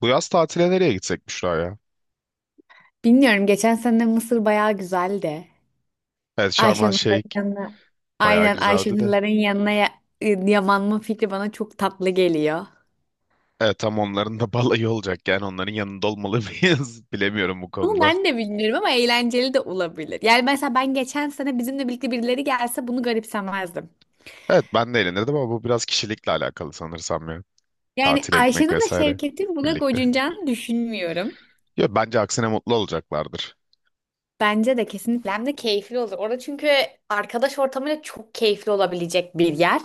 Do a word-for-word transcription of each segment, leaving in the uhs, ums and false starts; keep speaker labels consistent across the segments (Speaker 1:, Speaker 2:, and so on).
Speaker 1: Bu yaz tatile nereye gitsek Büşra ya?
Speaker 2: Bilmiyorum geçen sene Mısır bayağı güzeldi.
Speaker 1: Evet, Şarm El Şeyh
Speaker 2: Ayşenur'ların yanına,
Speaker 1: bayağı
Speaker 2: aynen
Speaker 1: güzeldi de.
Speaker 2: Ayşenur'ların yanına, ya- e, yamanma fikri bana çok tatlı geliyor.
Speaker 1: Evet, tam onların da balayı olacak, yani onların yanında olmalı mıyız? Bilemiyorum bu
Speaker 2: Ama
Speaker 1: konuda.
Speaker 2: ben de bilmiyorum ama eğlenceli de olabilir. Yani mesela ben geçen sene bizimle birlikte birileri gelse bunu garipsemezdim.
Speaker 1: Evet, ben de eğlenirdim ama bu biraz kişilikle alakalı sanırsam ya.
Speaker 2: Yani
Speaker 1: Tatile gitmek
Speaker 2: Ayşenur'la
Speaker 1: vesaire
Speaker 2: Şevket'in buna
Speaker 1: birlikte.
Speaker 2: gocunacağını düşünmüyorum.
Speaker 1: Yo, bence aksine mutlu olacaklardır.
Speaker 2: Bence de kesinlikle hem de keyifli olur. Orada çünkü arkadaş ortamıyla çok keyifli olabilecek bir yer.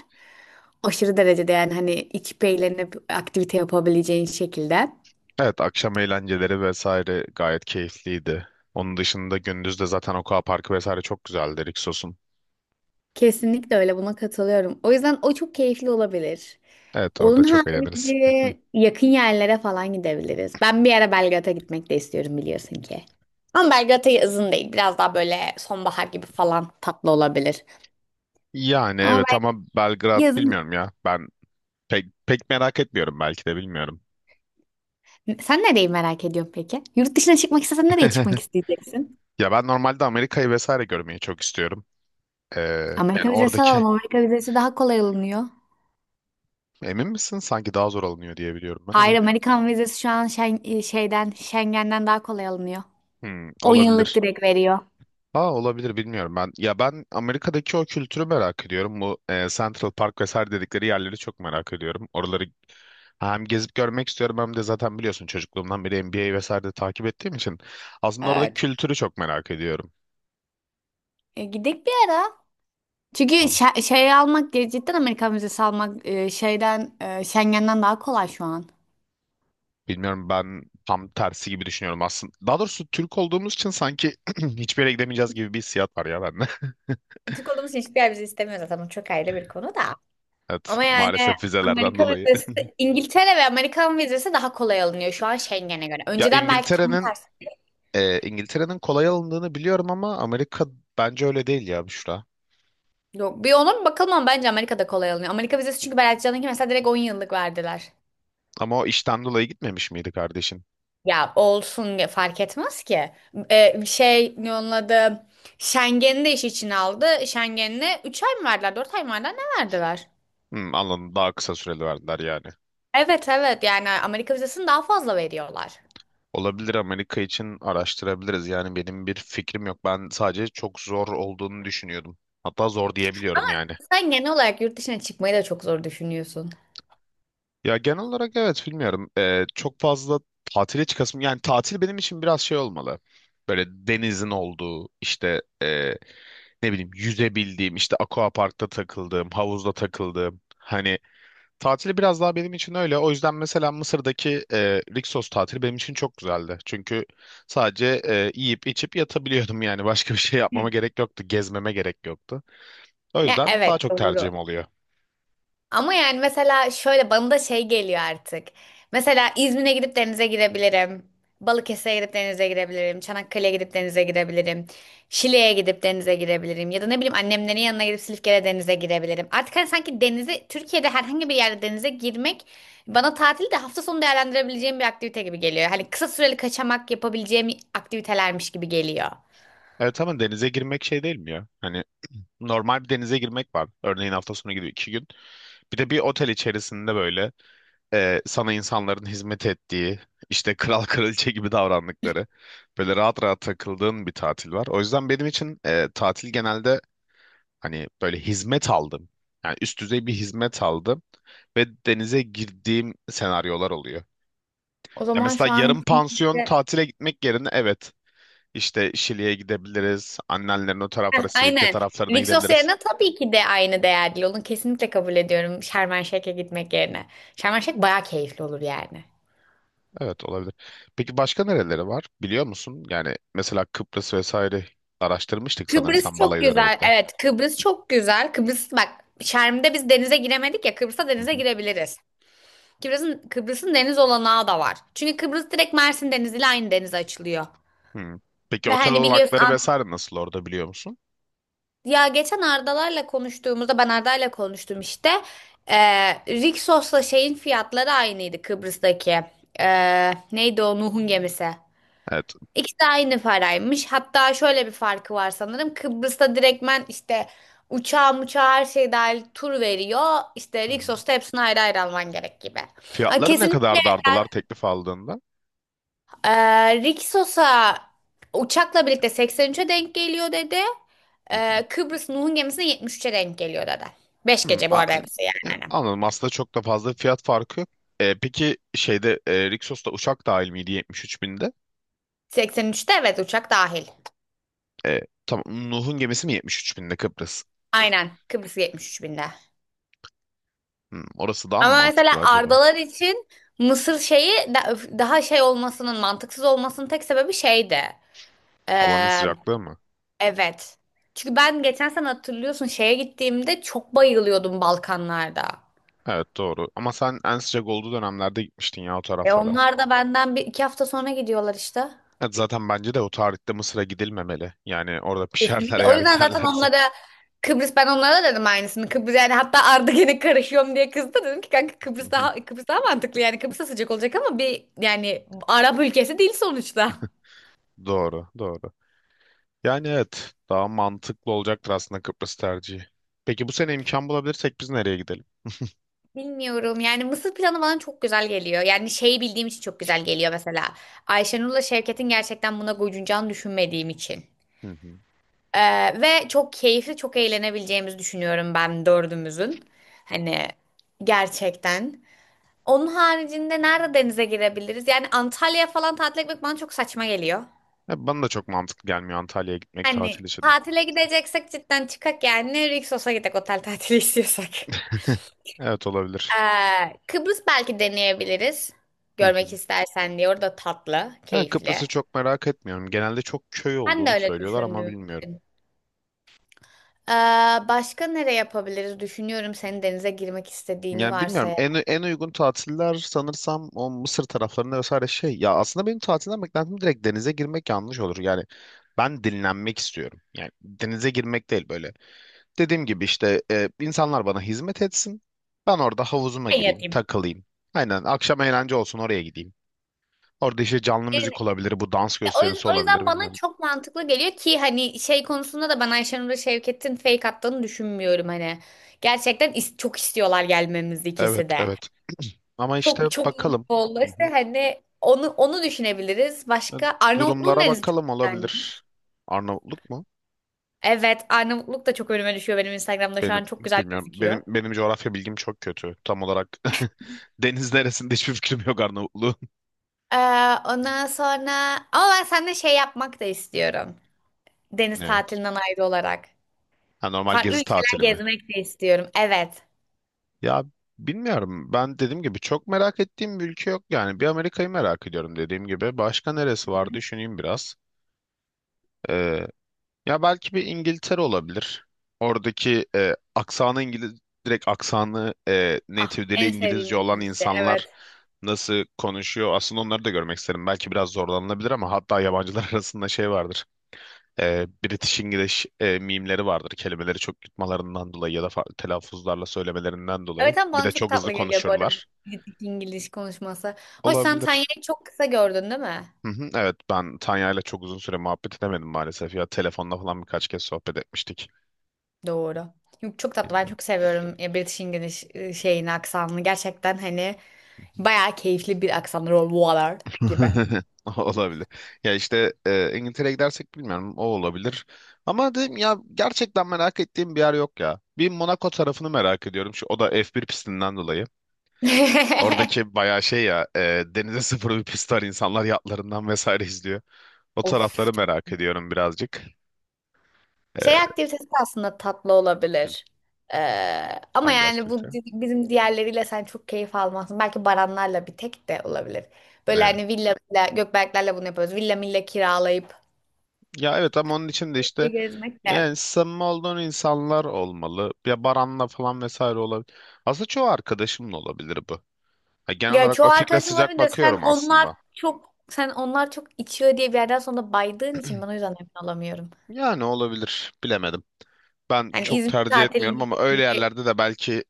Speaker 2: Aşırı derecede yani hani içip eğlenip aktivite yapabileceğin şekilde.
Speaker 1: Evet, akşam eğlenceleri vesaire gayet keyifliydi. Onun dışında gündüz de zaten Aqua Parkı vesaire çok güzeldi Rixos'un.
Speaker 2: Kesinlikle öyle buna katılıyorum. O yüzden o çok keyifli olabilir.
Speaker 1: Evet, orada
Speaker 2: Onun
Speaker 1: çok eğleniriz.
Speaker 2: harici yakın yerlere falan gidebiliriz. Ben bir ara Belgrad'a gitmek de istiyorum biliyorsun ki. Ama Belgrad'a yazın değil. Biraz daha böyle sonbahar gibi falan tatlı olabilir.
Speaker 1: Yani
Speaker 2: Ama
Speaker 1: evet
Speaker 2: ben
Speaker 1: ama Belgrad
Speaker 2: yazın.
Speaker 1: bilmiyorum ya. Ben Pek, pek merak etmiyorum, belki de bilmiyorum.
Speaker 2: Sen nereyi merak ediyorsun peki? Yurt dışına çıkmak istesen nereye çıkmak isteyeceksin?
Speaker 1: Ya ben normalde Amerika'yı vesaire görmeyi çok istiyorum. Ee,
Speaker 2: Amerika
Speaker 1: yani
Speaker 2: vizesi
Speaker 1: oradaki
Speaker 2: alalım. Amerika vizesi daha kolay alınıyor.
Speaker 1: emin misin? Sanki daha zor alınıyor diye biliyorum ben
Speaker 2: Hayır,
Speaker 1: ama.
Speaker 2: Amerikan vizesi şu an Şen- e, şeyden Schengen'den daha kolay alınıyor.
Speaker 1: Hmm,
Speaker 2: on yıllık
Speaker 1: olabilir.
Speaker 2: direkt veriyor.
Speaker 1: Aa, olabilir, bilmiyorum ben. Ya ben Amerika'daki o kültürü merak ediyorum. Bu e, Central Park vesaire dedikleri yerleri çok merak ediyorum. Oraları hem gezip görmek istiyorum hem de zaten biliyorsun çocukluğumdan beri N B A vesaire de takip ettiğim için aslında oradaki
Speaker 2: Evet.
Speaker 1: kültürü çok merak ediyorum.
Speaker 2: E, gidek bir ara. Çünkü şe- şey almak, ge- cidden Amerikan vizesi almak e, şeyden, e, Schengen'den daha kolay şu an.
Speaker 1: Bilmiyorum, ben tam tersi gibi düşünüyorum aslında. Daha doğrusu Türk olduğumuz için sanki hiçbir yere gidemeyeceğiz gibi bir hissiyat var ya bende.
Speaker 2: Türk olduğumuz için hiçbir yer bizi istemiyor zaten. Bu çok ayrı bir konu da.
Speaker 1: Evet,
Speaker 2: Ama yani
Speaker 1: maalesef vizelerden
Speaker 2: Amerika
Speaker 1: dolayı.
Speaker 2: vizesi, İngiltere ve Amerikan vizesi daha kolay alınıyor şu an Schengen'e göre.
Speaker 1: Ya
Speaker 2: Önceden belki tam
Speaker 1: İngiltere'nin
Speaker 2: tersi.
Speaker 1: e, İngiltere'nin kolay alındığını biliyorum ama Amerika bence öyle değil ya Büşra.
Speaker 2: Yok, bir onun bakalım ama bence Amerika'da kolay alınıyor. Amerika vizesi çünkü Berat Can'ınki mesela direkt on yıllık verdiler.
Speaker 1: Ama o işten dolayı gitmemiş miydi kardeşin?
Speaker 2: Ya olsun, ge- fark etmez ki. Ee, şey, ne onun adı? Schengen'i de iş içine aldı. Schengen'e üç ay mı verdiler, dört ay mı verdiler, ne verdiler?
Speaker 1: Hmm, anladım, daha kısa süreli verdiler yani.
Speaker 2: Evet, evet, yani Amerika vizesini daha fazla veriyorlar.
Speaker 1: Olabilir, Amerika için araştırabiliriz. Yani benim bir fikrim yok. Ben sadece çok zor olduğunu düşünüyordum. Hatta zor
Speaker 2: Ama
Speaker 1: diyebiliyorum yani.
Speaker 2: sen genel olarak yurt dışına çıkmayı da çok zor düşünüyorsun.
Speaker 1: Ya genel olarak evet bilmiyorum. Ee, çok fazla tatile çıkasım. Yani tatil benim için biraz şey olmalı. Böyle denizin olduğu işte ee, ne bileyim yüzebildiğim, işte aquaparkta takıldığım, havuzda takıldığım. Hani tatili biraz daha benim için öyle. O yüzden mesela Mısır'daki ee, Rixos tatili benim için çok güzeldi. Çünkü sadece ee, yiyip içip yatabiliyordum, yani başka bir şey yapmama gerek yoktu. Gezmeme gerek yoktu. O
Speaker 2: Ya
Speaker 1: yüzden
Speaker 2: evet,
Speaker 1: daha çok
Speaker 2: doğru.
Speaker 1: tercihim oluyor.
Speaker 2: Ama yani mesela şöyle bana da şey geliyor artık. Mesela İzmir'e gidip denize girebilirim. Balıkesir'e gidip denize girebilirim. Çanakkale'ye gidip denize girebilirim. Şile'ye gidip denize girebilirim. Ya da ne bileyim annemlerin yanına gidip Silifke'de denize girebilirim. Artık hani sanki denize, Türkiye'de herhangi bir yerde denize girmek bana tatili de hafta sonu değerlendirebileceğim bir aktivite gibi geliyor. Hani kısa süreli kaçamak yapabileceğim aktivitelermiş gibi geliyor.
Speaker 1: Evet ama denize girmek şey değil mi ya? Hani normal bir denize girmek var. Örneğin hafta sonu gidiyor iki gün. Bir de bir otel içerisinde böyle e, sana insanların hizmet ettiği, işte kral kraliçe gibi davrandıkları, böyle rahat rahat takıldığın bir tatil var. O yüzden benim için e, tatil genelde hani böyle hizmet aldım. Yani üst düzey bir hizmet aldım ve denize girdiğim senaryolar oluyor.
Speaker 2: O
Speaker 1: Ya
Speaker 2: zaman
Speaker 1: mesela
Speaker 2: şu an.
Speaker 1: yarım pansiyon tatile gitmek yerine evet, işte Şili'ye gidebiliriz. Annenlerin o
Speaker 2: Heh,
Speaker 1: taraflara, Silivke
Speaker 2: aynen.
Speaker 1: taraflarına
Speaker 2: Vixos
Speaker 1: gidebiliriz.
Speaker 2: yerine tabii ki de aynı değerli olun, kesinlikle kabul ediyorum Şarm Şeyh'e gitmek yerine. Şarm Şeyh bayağı keyifli olur yani.
Speaker 1: Evet, olabilir. Peki başka nereleri var, biliyor musun? Yani mesela Kıbrıs vesaire araştırmıştık
Speaker 2: Kıbrıs
Speaker 1: sanırsam
Speaker 2: çok
Speaker 1: balayı
Speaker 2: güzel.
Speaker 1: döneminde.
Speaker 2: Evet, Kıbrıs çok güzel. Kıbrıs bak, Şerm'de biz denize giremedik ya, Kıbrıs'ta
Speaker 1: Hı
Speaker 2: denize
Speaker 1: hı.
Speaker 2: girebiliriz. Kıbrıs'ın Kıbrıs'ın deniz olanağı da var. Çünkü Kıbrıs direkt Mersin Denizi ile aynı denize açılıyor.
Speaker 1: Hı. Peki
Speaker 2: Ve
Speaker 1: otel
Speaker 2: hani biliyorsun
Speaker 1: olanakları
Speaker 2: Ant-
Speaker 1: vesaire nasıl orada, biliyor musun?
Speaker 2: Ya geçen Ardalar'la konuştuğumuzda ben Arda'yla konuştum işte. Ee, Rixos'la şeyin fiyatları aynıydı Kıbrıs'taki. Ee, neydi o Nuh'un gemisi.
Speaker 1: Evet.
Speaker 2: İkisi de aynı paraymış. Hatta şöyle bir farkı var sanırım. Kıbrıs'ta direktmen işte uçağı uçağı her şey dahil tur veriyor. İşte
Speaker 1: Hı hı.
Speaker 2: Rixos'ta hepsini ayrı ayrı alman gerek gibi. Aa,
Speaker 1: Fiyatları ne
Speaker 2: kesinlikle,
Speaker 1: kadar dardılar teklif aldığında?
Speaker 2: ee, Rick uçakla birlikte seksen üçe denk geliyor dedi.
Speaker 1: Hı hı.
Speaker 2: Ee, Kıbrıs Nuh'un gemisine yetmiş üçe denk geliyor dedi. beş
Speaker 1: Hmm,
Speaker 2: gece bu
Speaker 1: a-
Speaker 2: arada hepsi
Speaker 1: ya,
Speaker 2: yani, hani.
Speaker 1: anladım. Aslında çok da fazla fiyat farkı yok. E, peki şeyde e, Rixos'ta uçak dahil miydi yetmiş üç binde?
Speaker 2: Seksen üçte, evet, uçak dahil.
Speaker 1: E, tamam. Nuh'un gemisi mi yetmiş üç binde Kıbrıs?
Speaker 2: Aynen, Kıbrıs yetmiş üç binde.
Speaker 1: Hmm, orası daha mı
Speaker 2: Ama mesela
Speaker 1: mantıklı acaba?
Speaker 2: Ardalar için Mısır şeyi da- daha şey olmasının, mantıksız olmasının tek sebebi şeydi.
Speaker 1: Havanın
Speaker 2: Ee,
Speaker 1: sıcaklığı mı?
Speaker 2: evet. Çünkü ben geçen sene hatırlıyorsun şeye gittiğimde çok bayılıyordum Balkanlarda.
Speaker 1: Evet, doğru. Ama sen en sıcak olduğu dönemlerde gitmiştin ya o
Speaker 2: E
Speaker 1: taraflara.
Speaker 2: onlar da benden bir iki hafta sonra gidiyorlar işte.
Speaker 1: Evet, zaten bence de o tarihte Mısır'a gidilmemeli. Yani orada pişerler
Speaker 2: Kesinlikle. O
Speaker 1: eğer
Speaker 2: yüzden zaten
Speaker 1: giderlerse.
Speaker 2: onlara Kıbrıs, ben onlara da dedim aynısını. Kıbrıs yani, hatta Arda gene karışıyorum diye kızdı. Dedim ki kanka,
Speaker 1: Hı
Speaker 2: Kıbrıs
Speaker 1: hı,
Speaker 2: daha Kıbrıs daha mantıklı yani, Kıbrıs sıcak olacak ama bir yani Arap ülkesi değil sonuçta.
Speaker 1: doğru, doğru. Yani evet, daha mantıklı olacaktır aslında Kıbrıs tercihi. Peki bu sene imkan bulabilirsek biz nereye gidelim?
Speaker 2: Bilmiyorum yani, Mısır planı bana çok güzel geliyor. Yani şeyi bildiğim için çok güzel geliyor mesela. Ayşenur'la Şevket'in gerçekten buna gocunacağını düşünmediğim için.
Speaker 1: Hı hı.
Speaker 2: Ee, ve çok keyifli, çok eğlenebileceğimizi düşünüyorum ben dördümüzün. Hani gerçekten. Onun haricinde nerede denize girebiliriz? Yani Antalya falan tatil etmek bana çok saçma geliyor.
Speaker 1: Ya bana da çok mantıklı gelmiyor Antalya'ya gitmek
Speaker 2: Hani
Speaker 1: tatil için.
Speaker 2: tatile gideceksek cidden çıkak yani, Rixos'a gidek otel tatili istiyorsak.
Speaker 1: Evet, olabilir.
Speaker 2: Ee, Kıbrıs belki deneyebiliriz.
Speaker 1: Hı
Speaker 2: Görmek
Speaker 1: hı.
Speaker 2: istersen diye. Orada tatlı,
Speaker 1: Ben
Speaker 2: keyifli.
Speaker 1: Kıbrıs'ı çok merak etmiyorum. Genelde çok köy
Speaker 2: Ben de
Speaker 1: olduğunu
Speaker 2: öyle
Speaker 1: söylüyorlar ama
Speaker 2: düşündüğüm
Speaker 1: bilmiyorum.
Speaker 2: için. Ee, Başka nereye yapabiliriz? Düşünüyorum senin denize girmek istediğini
Speaker 1: Yani bilmiyorum.
Speaker 2: varsayarak.
Speaker 1: En, en uygun tatiller sanırsam o Mısır taraflarında vesaire şey. Ya aslında benim tatilden beklentim direkt denize girmek yanlış olur. Yani ben dinlenmek istiyorum. Yani denize girmek değil böyle. Dediğim gibi işte e, insanlar bana hizmet etsin. Ben orada havuzuma
Speaker 2: Ben
Speaker 1: gireyim,
Speaker 2: yatayım.
Speaker 1: takılayım. Aynen, akşam eğlence olsun, oraya gideyim. Orada işte canlı müzik olabilir, bu dans
Speaker 2: O yüzden,
Speaker 1: gösterisi
Speaker 2: o yüzden
Speaker 1: olabilir,
Speaker 2: bana
Speaker 1: bilmiyorum.
Speaker 2: çok mantıklı geliyor ki hani şey konusunda da ben Ayşenur'a Şevket'in fake attığını düşünmüyorum hani. Gerçekten is- çok istiyorlar gelmemizi,
Speaker 1: Evet,
Speaker 2: ikisi de.
Speaker 1: evet. Ama işte
Speaker 2: Çok çok mutlu
Speaker 1: bakalım.
Speaker 2: oldu.
Speaker 1: Hı
Speaker 2: İşte
Speaker 1: hı.
Speaker 2: hani onu onu düşünebiliriz.
Speaker 1: E,
Speaker 2: Başka, Arnavutluğun
Speaker 1: Durumlara
Speaker 2: denizi çok
Speaker 1: bakalım,
Speaker 2: güzelmiş.
Speaker 1: olabilir. Arnavutluk mu?
Speaker 2: Evet, Arnavutluk da çok önüme düşüyor benim, Instagram'da şu
Speaker 1: Benim
Speaker 2: an çok güzel
Speaker 1: bilmiyorum.
Speaker 2: gözüküyor.
Speaker 1: Benim benim coğrafya bilgim çok kötü. Tam olarak deniz neresinde hiçbir fikrim yok Arnavutluğun.
Speaker 2: Ee, Ondan sonra ama ben seninle şey yapmak da istiyorum. Deniz
Speaker 1: Ne?
Speaker 2: tatilinden ayrı olarak.
Speaker 1: Ha, normal
Speaker 2: Farklı
Speaker 1: gezi
Speaker 2: ülkeler
Speaker 1: tatili mi?
Speaker 2: gezmek de istiyorum. Evet.
Speaker 1: Ya bilmiyorum. Ben dediğim gibi çok merak ettiğim bir ülke yok yani. Bir Amerika'yı merak ediyorum dediğim gibi. Başka neresi var, düşüneyim biraz. Ee, Ya belki bir İngiltere olabilir. Oradaki e, aksanı İngiliz direkt aksanı, e,
Speaker 2: Ah,
Speaker 1: native dili
Speaker 2: en sevdiğim
Speaker 1: İngilizce olan
Speaker 2: İngilizce.
Speaker 1: insanlar
Speaker 2: Evet.
Speaker 1: nasıl konuşuyor? Aslında onları da görmek isterim. Belki biraz zorlanılabilir ama hatta yabancılar arasında şey vardır. E, British English e, mimleri vardır. Kelimeleri çok yutmalarından dolayı ya da farklı telaffuzlarla söylemelerinden dolayı.
Speaker 2: Evet, ama
Speaker 1: Bir
Speaker 2: bana
Speaker 1: de
Speaker 2: çok
Speaker 1: çok hızlı
Speaker 2: tatlı geliyor bu arada
Speaker 1: konuşurlar.
Speaker 2: İngiliz konuşması. Hoş, sen
Speaker 1: Olabilir.
Speaker 2: Tanya'yı çok kısa gördün değil mi?
Speaker 1: Hı hı, evet, ben Tanya'yla çok uzun süre muhabbet edemedim maalesef. Ya telefonla falan birkaç kez sohbet etmiştik.
Speaker 2: Doğru. Yok, çok tatlı. Ben
Speaker 1: Bilmiyorum.
Speaker 2: çok seviyorum e, British English e, şeyini, aksanını. Gerçekten hani bayağı keyifli bir aksanı. Roll water gibi.
Speaker 1: Olabilir. Ya işte e, İngiltere'ye gidersek bilmiyorum, o olabilir. Ama dedim ya, gerçekten merak ettiğim bir yer yok ya. Bir Monaco tarafını merak ediyorum. Şu, o da F bir pistinden dolayı. Oradaki bayağı şey ya, e, denize sıfır bir pist var. İnsanlar yatlarından vesaire izliyor. O
Speaker 2: Of,
Speaker 1: tarafları
Speaker 2: çok.
Speaker 1: merak ediyorum birazcık. E,
Speaker 2: Şey aktivitesi de aslında tatlı
Speaker 1: hı,
Speaker 2: olabilir. Ee, Ama
Speaker 1: hangi
Speaker 2: yani bu
Speaker 1: aktivite?
Speaker 2: di- bizim diğerleriyle sen çok keyif almazsın. Belki Baranlarla bir tek de olabilir. Böyle
Speaker 1: Ne?
Speaker 2: hani villa, villa Gökberklerle bunu yapıyoruz. Villa milla kiralayıp
Speaker 1: Ya evet, ama onun için de işte
Speaker 2: gezmek de.
Speaker 1: yani samimi olduğun insanlar olmalı. Ya Baran'la falan vesaire olabilir. Aslında çoğu arkadaşımla olabilir. Ya genel
Speaker 2: Ya
Speaker 1: olarak
Speaker 2: çoğu
Speaker 1: o fikre
Speaker 2: arkadaşın
Speaker 1: sıcak
Speaker 2: olabilir de sen
Speaker 1: bakıyorum
Speaker 2: onlar
Speaker 1: aslında.
Speaker 2: çok sen onlar çok içiyor diye bir yerden sonra baydığın için ben o yüzden emin olamıyorum.
Speaker 1: Yani olabilir. Bilemedim. Ben
Speaker 2: Hani
Speaker 1: çok
Speaker 2: İzmir
Speaker 1: tercih etmiyorum ama
Speaker 2: tatilindeki
Speaker 1: öyle
Speaker 2: gibi,
Speaker 1: yerlerde de belki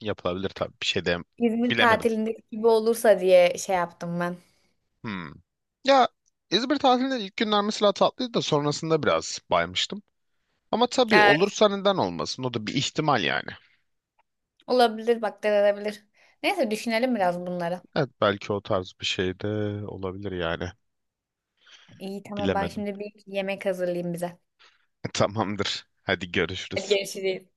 Speaker 1: yapılabilir tabii. Bir şey de
Speaker 2: İzmir
Speaker 1: bilemedim.
Speaker 2: tatilindeki gibi olursa diye şey yaptım ben.
Speaker 1: Hmm. Ya İzmir tatilinin ilk günler mesela tatlıydı da sonrasında biraz baymıştım. Ama tabii
Speaker 2: Evet,
Speaker 1: olursa neden olmasın? O da bir ihtimal yani.
Speaker 2: olabilir bak, denenebilir. Neyse, düşünelim biraz bunları.
Speaker 1: Evet, belki o tarz bir şey de olabilir yani.
Speaker 2: İyi, tamam, ben
Speaker 1: Bilemedim.
Speaker 2: şimdi bir yemek hazırlayayım bize.
Speaker 1: Tamamdır. Hadi
Speaker 2: Hadi
Speaker 1: görüşürüz.
Speaker 2: görüşürüz.